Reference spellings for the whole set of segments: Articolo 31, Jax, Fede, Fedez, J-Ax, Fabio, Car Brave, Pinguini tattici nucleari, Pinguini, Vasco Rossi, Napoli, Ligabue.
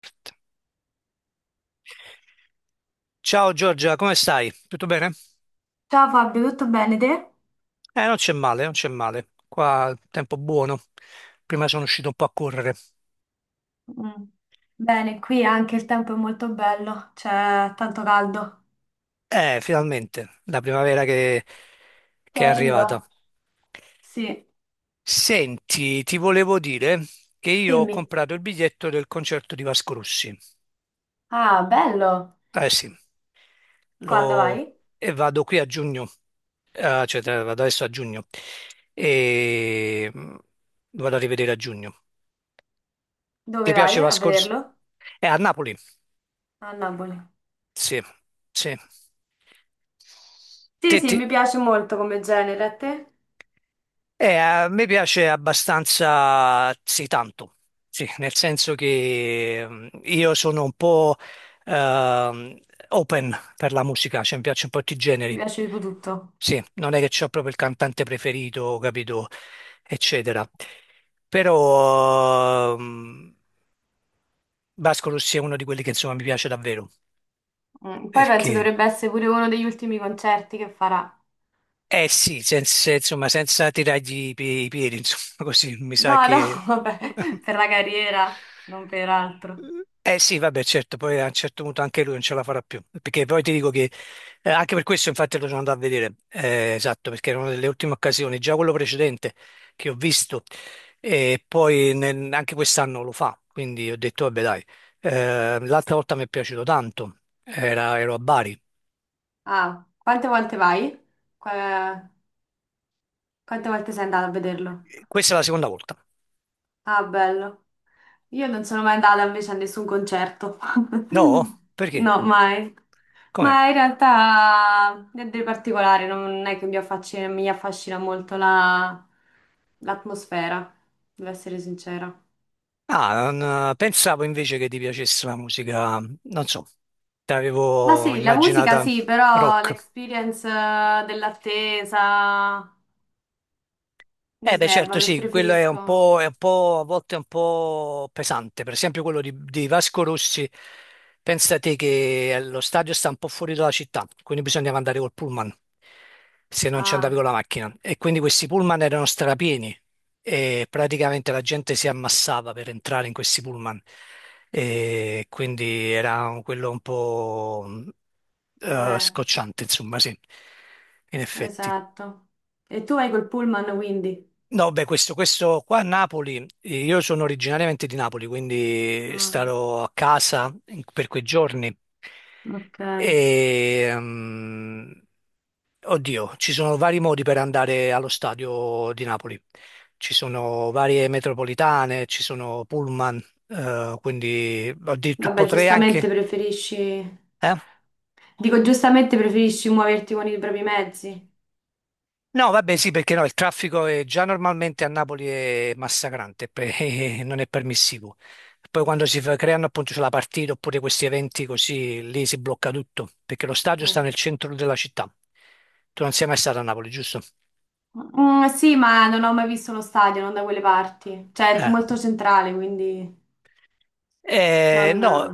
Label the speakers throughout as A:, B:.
A: Perfetto. Ciao Giorgia, come stai? Tutto bene?
B: Ciao Fabio, tutto bene te?
A: Non c'è male, non c'è male. Qua tempo buono. Prima sono uscito un po' a correre.
B: Mm. Bene, qui anche il tempo è molto bello, c'è tanto caldo.
A: Finalmente, la primavera che,
B: Che
A: che è
B: arriva?
A: arrivata.
B: Sì.
A: Senti, ti volevo dire che io ho
B: Dimmi.
A: comprato il biglietto del concerto di Vasco Rossi.
B: Ah, bello.
A: Eh sì,
B: Quando
A: lo-
B: vai?
A: e vado qui a giugno. Cioè, vado adesso a giugno e, lo vado a rivedere a giugno. Ti
B: Dove
A: piace
B: vai a
A: Vasco Rossi?
B: vederlo?
A: È a Napoli.
B: A Napoli.
A: Sì, sì.
B: Sì,
A: Te-
B: sì,
A: ti-
B: mi piace molto come genere, a te?
A: a me piace abbastanza, sì, tanto, sì, nel senso che, io sono un po' ehm, open per la musica, cioè mi piacciono un po' tutti i
B: Mi
A: generi.
B: piace tipo tutto.
A: Sì, non è che c'ho proprio il cantante preferito, capito, eccetera. Però Vasco Rossi è uno di quelli che insomma mi piace davvero,
B: Mm, poi penso
A: perché.
B: dovrebbe essere pure uno degli ultimi concerti che farà.
A: Eh sì, senza, insomma, senza tirargli i piedi, insomma, così mi sa
B: No, no,
A: che.
B: vabbè, per la carriera, non per altro.
A: Eh sì, vabbè, certo, poi a un certo punto anche lui non ce la farà più, perché poi ti dico che, anche per questo infatti lo sono andato a vedere, esatto, perché era una delle ultime occasioni, già quello precedente che ho visto, e poi anche quest'anno lo fa, quindi ho detto, vabbè dai. L'altra volta mi è piaciuto tanto. Ero a Bari,
B: Ah, quante volte vai? Qua- Quante volte sei andato a vederlo?
A: questa è la seconda volta.
B: Ah, bello. Io non sono mai andata invece a nessun concerto.
A: No? Perché?
B: No, mai.
A: Com'è?
B: Ma in realtà niente di particolare, non è che mi affascina molto l'atmosfera, devo essere sincera.
A: Ah, pensavo invece che ti piacesse la musica, non so, ti
B: Ma
A: avevo
B: sì, la musica
A: immaginata
B: sì, però
A: rock.
B: l'experience dell'attesa mi
A: Eh beh
B: snerva,
A: certo sì, quello è un
B: preferisco.
A: po', a volte è un po' pesante, per esempio quello di Vasco Rossi, pensa te che, lo stadio sta un po' fuori dalla città, quindi bisognava andare col pullman, se non ci andavi
B: Ah,
A: con la macchina, e quindi questi pullman erano strapieni e praticamente la gente si ammassava per entrare in questi pullman, e quindi era quello un po'
B: eh,
A: scocciante insomma sì, in effetti.
B: esatto. E tu vai col pullman, quindi?
A: No, beh, questo qua a Napoli, io sono originariamente di Napoli, quindi
B: Ah,
A: starò a casa per quei giorni.
B: ok.
A: E, oddio, ci sono vari modi per andare allo stadio di Napoli. Ci sono varie metropolitane, ci sono pullman, quindi oddio,
B: Vabbè,
A: potrei
B: giustamente
A: anche.
B: preferisci...
A: Eh?
B: Dico, giustamente preferisci muoverti con i propri mezzi.
A: No, vabbè, sì, perché no, il traffico è già normalmente a Napoli è massacrante, non è permissivo. Poi quando creano appunto c'è la partita oppure questi eventi così, lì si blocca tutto, perché lo stadio
B: Eh.
A: sta nel centro della città. Tu non sei mai stato a Napoli, giusto?
B: Mm, sì, ma non ho mai visto uno stadio, non da quelle parti. Cioè, è
A: Eh.
B: molto centrale, quindi
A: Eh
B: non...
A: no,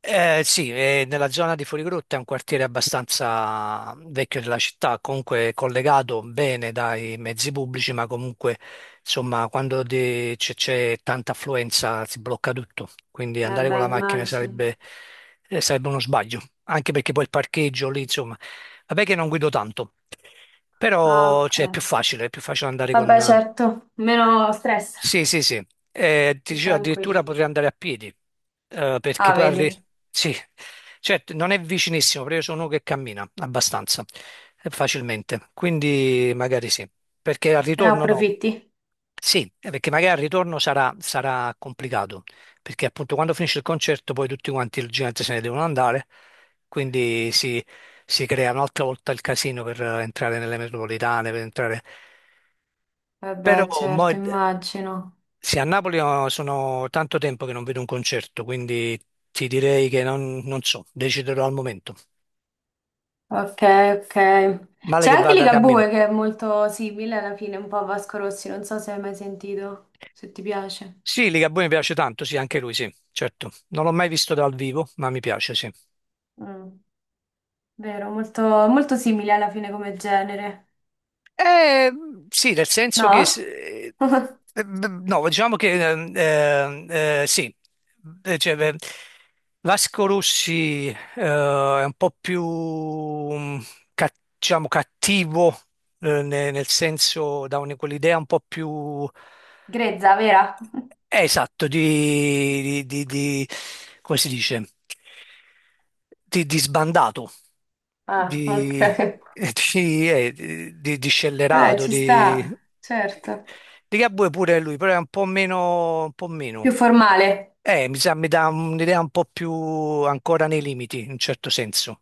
A: eh sì, nella zona di Fuorigrotta è un quartiere abbastanza vecchio della città, comunque collegato bene dai mezzi pubblici, ma comunque insomma quando c'è tanta affluenza si blocca tutto, quindi
B: Eh
A: andare con
B: beh,
A: la macchina
B: immagino.
A: sarebbe uno sbaglio, anche perché poi il parcheggio lì, insomma, vabbè che non guido tanto,
B: Ah,
A: però
B: ok.
A: cioè, è più facile andare con.
B: Vabbè, certo. Meno stress,
A: Sì, sì, sì. Ti
B: più
A: dicevo, addirittura
B: tranquillo.
A: potrei andare a piedi, perché
B: Ah,
A: poi arri.
B: vedi?
A: Sì, certo, non è vicinissimo, però io sono uno che cammina abbastanza facilmente, quindi magari sì, perché al
B: Te ne
A: ritorno no.
B: approfitti?
A: Sì, perché magari al ritorno sarà complicato, perché appunto quando finisce il concerto poi tutti quanti il gente se ne devono andare, quindi si crea un'altra volta il casino per entrare nelle metropolitane, per entrare. Però
B: Vabbè,
A: mo,
B: certo, immagino.
A: sì, a Napoli oh, sono tanto tempo che non vedo un concerto, quindi ti direi che non so, deciderò al momento.
B: Ok, ok.
A: Male
B: C'è
A: che
B: anche
A: vada, cammino.
B: Ligabue che è molto simile alla fine, un po' a Vasco Rossi, non so se hai mai sentito, se ti piace.
A: Sì, Ligabue mi piace tanto, sì, anche lui, sì, certo. Non l'ho mai visto dal vivo, ma mi piace, sì.
B: Mm, vero, molto, molto simile alla fine come genere.
A: Eh, sì, nel senso che,
B: No?
A: s- no, diciamo che, sì. Beh, Vasco Rossi, è un po' più, ca- diciamo, cattivo, nel senso, quell'idea un po' più,
B: Grezza, vera?
A: esatto, come si dice? Di sbandato,
B: Ah, ok.
A: di, di
B: Vabbè,
A: scellerato,
B: ci
A: di,
B: sta, certo.
A: di Gabue pure lui, però è un po' meno, un po'
B: Più
A: meno.
B: formale.
A: Mi sa, mi dà un'idea un po' più ancora nei limiti, in un certo senso,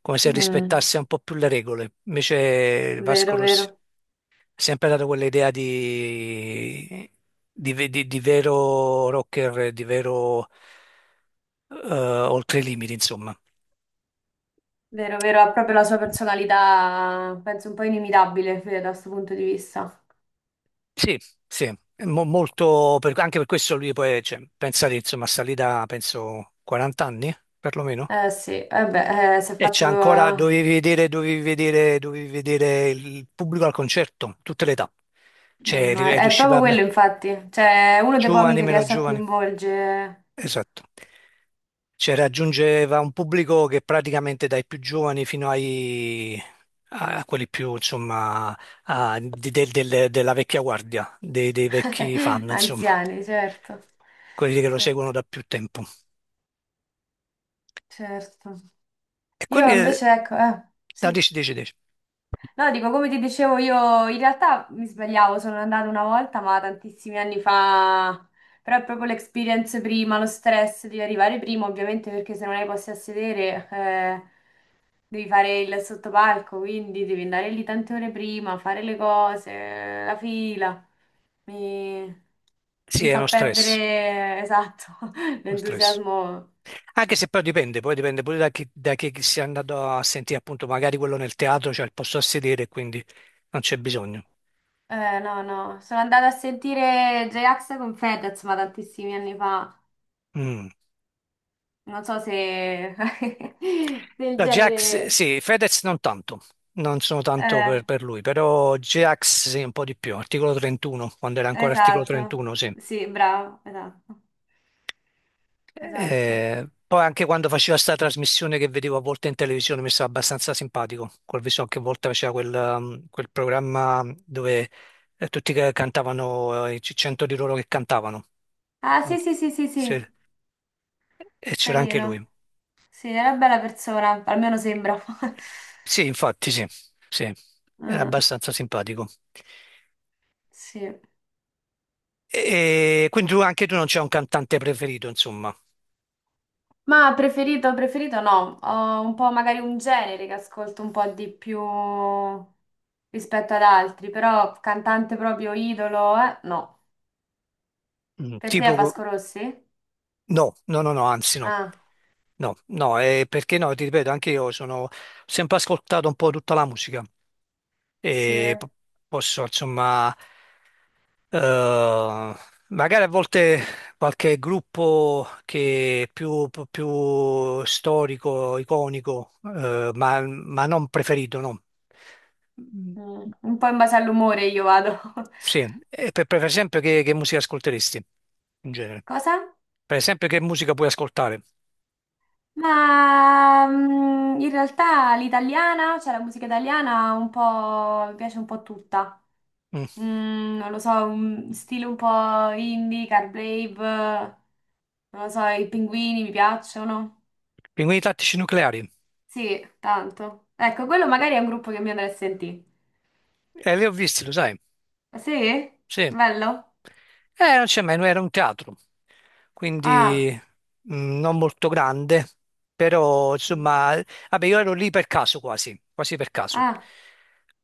A: come se
B: Mm,
A: rispettasse un po' più le regole. Invece Vasco
B: vero,
A: Rossi
B: vero.
A: sempre dato quell'idea di, di vero rocker, di vero, oltre i limiti, insomma.
B: Vero, vero, ha proprio la sua personalità, penso un po' inimitabile Fede, da questo punto di vista.
A: Sì, sì, è molto, anche per questo lui poi, cioè, pensate, insomma, sta lì da, penso, 40 anni, perlomeno.
B: Eh sì, eh beh, si è
A: E
B: fatto.
A: c'è ancora, dovevi vedere, dovevi vedere, dovevi vedere il pubblico al concerto, tutte le età. Cioè,
B: Ma è
A: riusciva
B: proprio
A: a
B: quello,
A: me,
B: infatti. Cioè, è uno dei pochi
A: giovani,
B: che
A: meno
B: riesce a
A: giovani.
B: coinvolgere
A: Esatto. Cioè, raggiungeva un pubblico che praticamente dai più giovani fino ai a quelli più, insomma, della vecchia guardia, dei vecchi fan, insomma,
B: anziani, certo.
A: quelli che lo seguono
B: Certo,
A: da più tempo.
B: certo.
A: E
B: Io
A: quindi
B: invece, ecco,
A: da
B: sì.
A: 10, 10, 10.
B: No, dico, come ti dicevo, io in realtà mi sbagliavo, sono andata una volta, ma tantissimi anni fa. Però è proprio l'experience prima, lo stress di arrivare prima, ovviamente, perché se non hai posti a sedere, devi fare il sottopalco, quindi devi andare lì tante ore prima, fare le cose, la fila. Mi,
A: Sì,
B: mi
A: è
B: fa
A: uno stress,
B: perdere, esatto,
A: uno stress.
B: l'entusiasmo.
A: Anche se poi dipende pure da chi si è andato a sentire, appunto, magari quello nel teatro c'è il posto a sedere, quindi non c'è bisogno.
B: No, no. Sono andata a sentire J-Ax con Fedez, ma tantissimi anni fa.
A: Mm.
B: Non so se del
A: No, Jax,
B: genere...
A: sì, Fedez non tanto, non sono tanto
B: Eh,
A: per lui, però Jax sì, un po' di più, articolo 31, quando era ancora articolo
B: esatto.
A: 31, sì.
B: Sì, bravo, esatto. Esatto.
A: Poi anche quando faceva sta trasmissione che vedevo a volte in televisione mi stava abbastanza simpatico, col viso anche a volte faceva quel programma dove, tutti che cantavano, i 100 di loro che cantavano,
B: Ah,
A: no?
B: sì, sì, sì, sì,
A: Sì.
B: sì.
A: E c'era anche lui.
B: Carino. Sì, era una bella persona, almeno sembra.
A: Sì, infatti, sì, sì, era
B: Mm,
A: abbastanza simpatico.
B: sì.
A: E quindi tu, anche tu non c'è un cantante preferito, insomma.
B: Ma preferito, preferito no, ho un po' magari un genere che ascolto un po' di più rispetto ad altri, però cantante proprio idolo, eh? No. Per te è
A: Tipo,
B: Vasco Rossi?
A: no, no, no, no, anzi no.
B: Ah,
A: No, no, perché no, ti ripeto, anche io sono ho sempre ascoltato un po' tutta la musica
B: sì.
A: e posso, insomma, eh, magari a volte qualche gruppo che è più storico, iconico, ma non preferito, no.
B: Mm, un po' in base all'umore io vado.
A: Sì, e per esempio che musica ascolteresti in genere?
B: Cosa?
A: Per esempio che musica puoi ascoltare?
B: Ma in realtà l'italiana, cioè la musica italiana, un po' mi piace un po' tutta.
A: Mm.
B: Mm, non lo so, un stile un po' indie, Car Brave, non lo so, i pinguini mi piacciono.
A: Pinguini tattici nucleari?
B: Sì, tanto. Ecco, quello magari è un gruppo che mi andrà a sentire.
A: Li ho visti, lo sai.
B: Ah, sì?
A: Sì.
B: Bello?
A: Non c'è mai, era un teatro,
B: Ah,
A: quindi non molto grande, però insomma, vabbè, io ero lì per caso quasi, quasi per caso.
B: ah.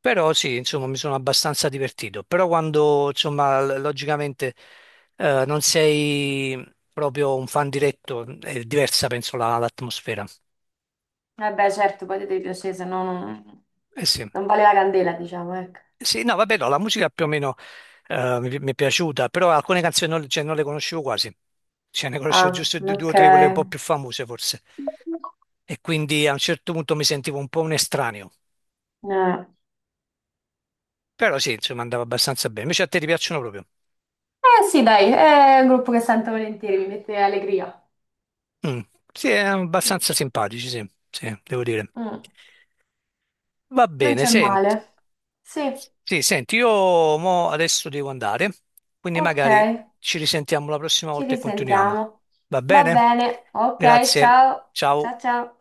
A: Però sì, insomma, mi sono abbastanza divertito. Però quando, insomma, logicamente, non sei proprio un fan diretto, è diversa, penso, l'atmosfera.
B: Vabbè, certo, poi ti devi piacere, se no non,
A: Eh sì.
B: non vale la candela, diciamo, ecco.
A: Sì, no, vabbè, no, la musica più o meno, mi è piaciuta, però alcune canzoni non, cioè, non le conoscevo quasi, cioè ne conoscevo
B: Ah,
A: giusto due o
B: ok.
A: tre, quelle un po' più famose forse, e quindi a un certo punto mi sentivo un po' un estraneo, però sì, insomma andava abbastanza bene, invece a te ti piacciono proprio?
B: Eh, sì, dai, è un gruppo che sento volentieri, mi mette allegria.
A: Mm. Sì,
B: Sì.
A: abbastanza simpatici, sì, sì, devo dire.
B: Mm,
A: Va
B: non
A: bene,
B: c'è
A: senti.
B: male. Sì.
A: Sì, senti, io mo adesso devo andare, quindi
B: Ok,
A: magari ci risentiamo la prossima
B: ci
A: volta e continuiamo.
B: risentiamo.
A: Va
B: Va
A: bene?
B: bene, ok,
A: Grazie,
B: ciao,
A: ciao.
B: ciao ciao.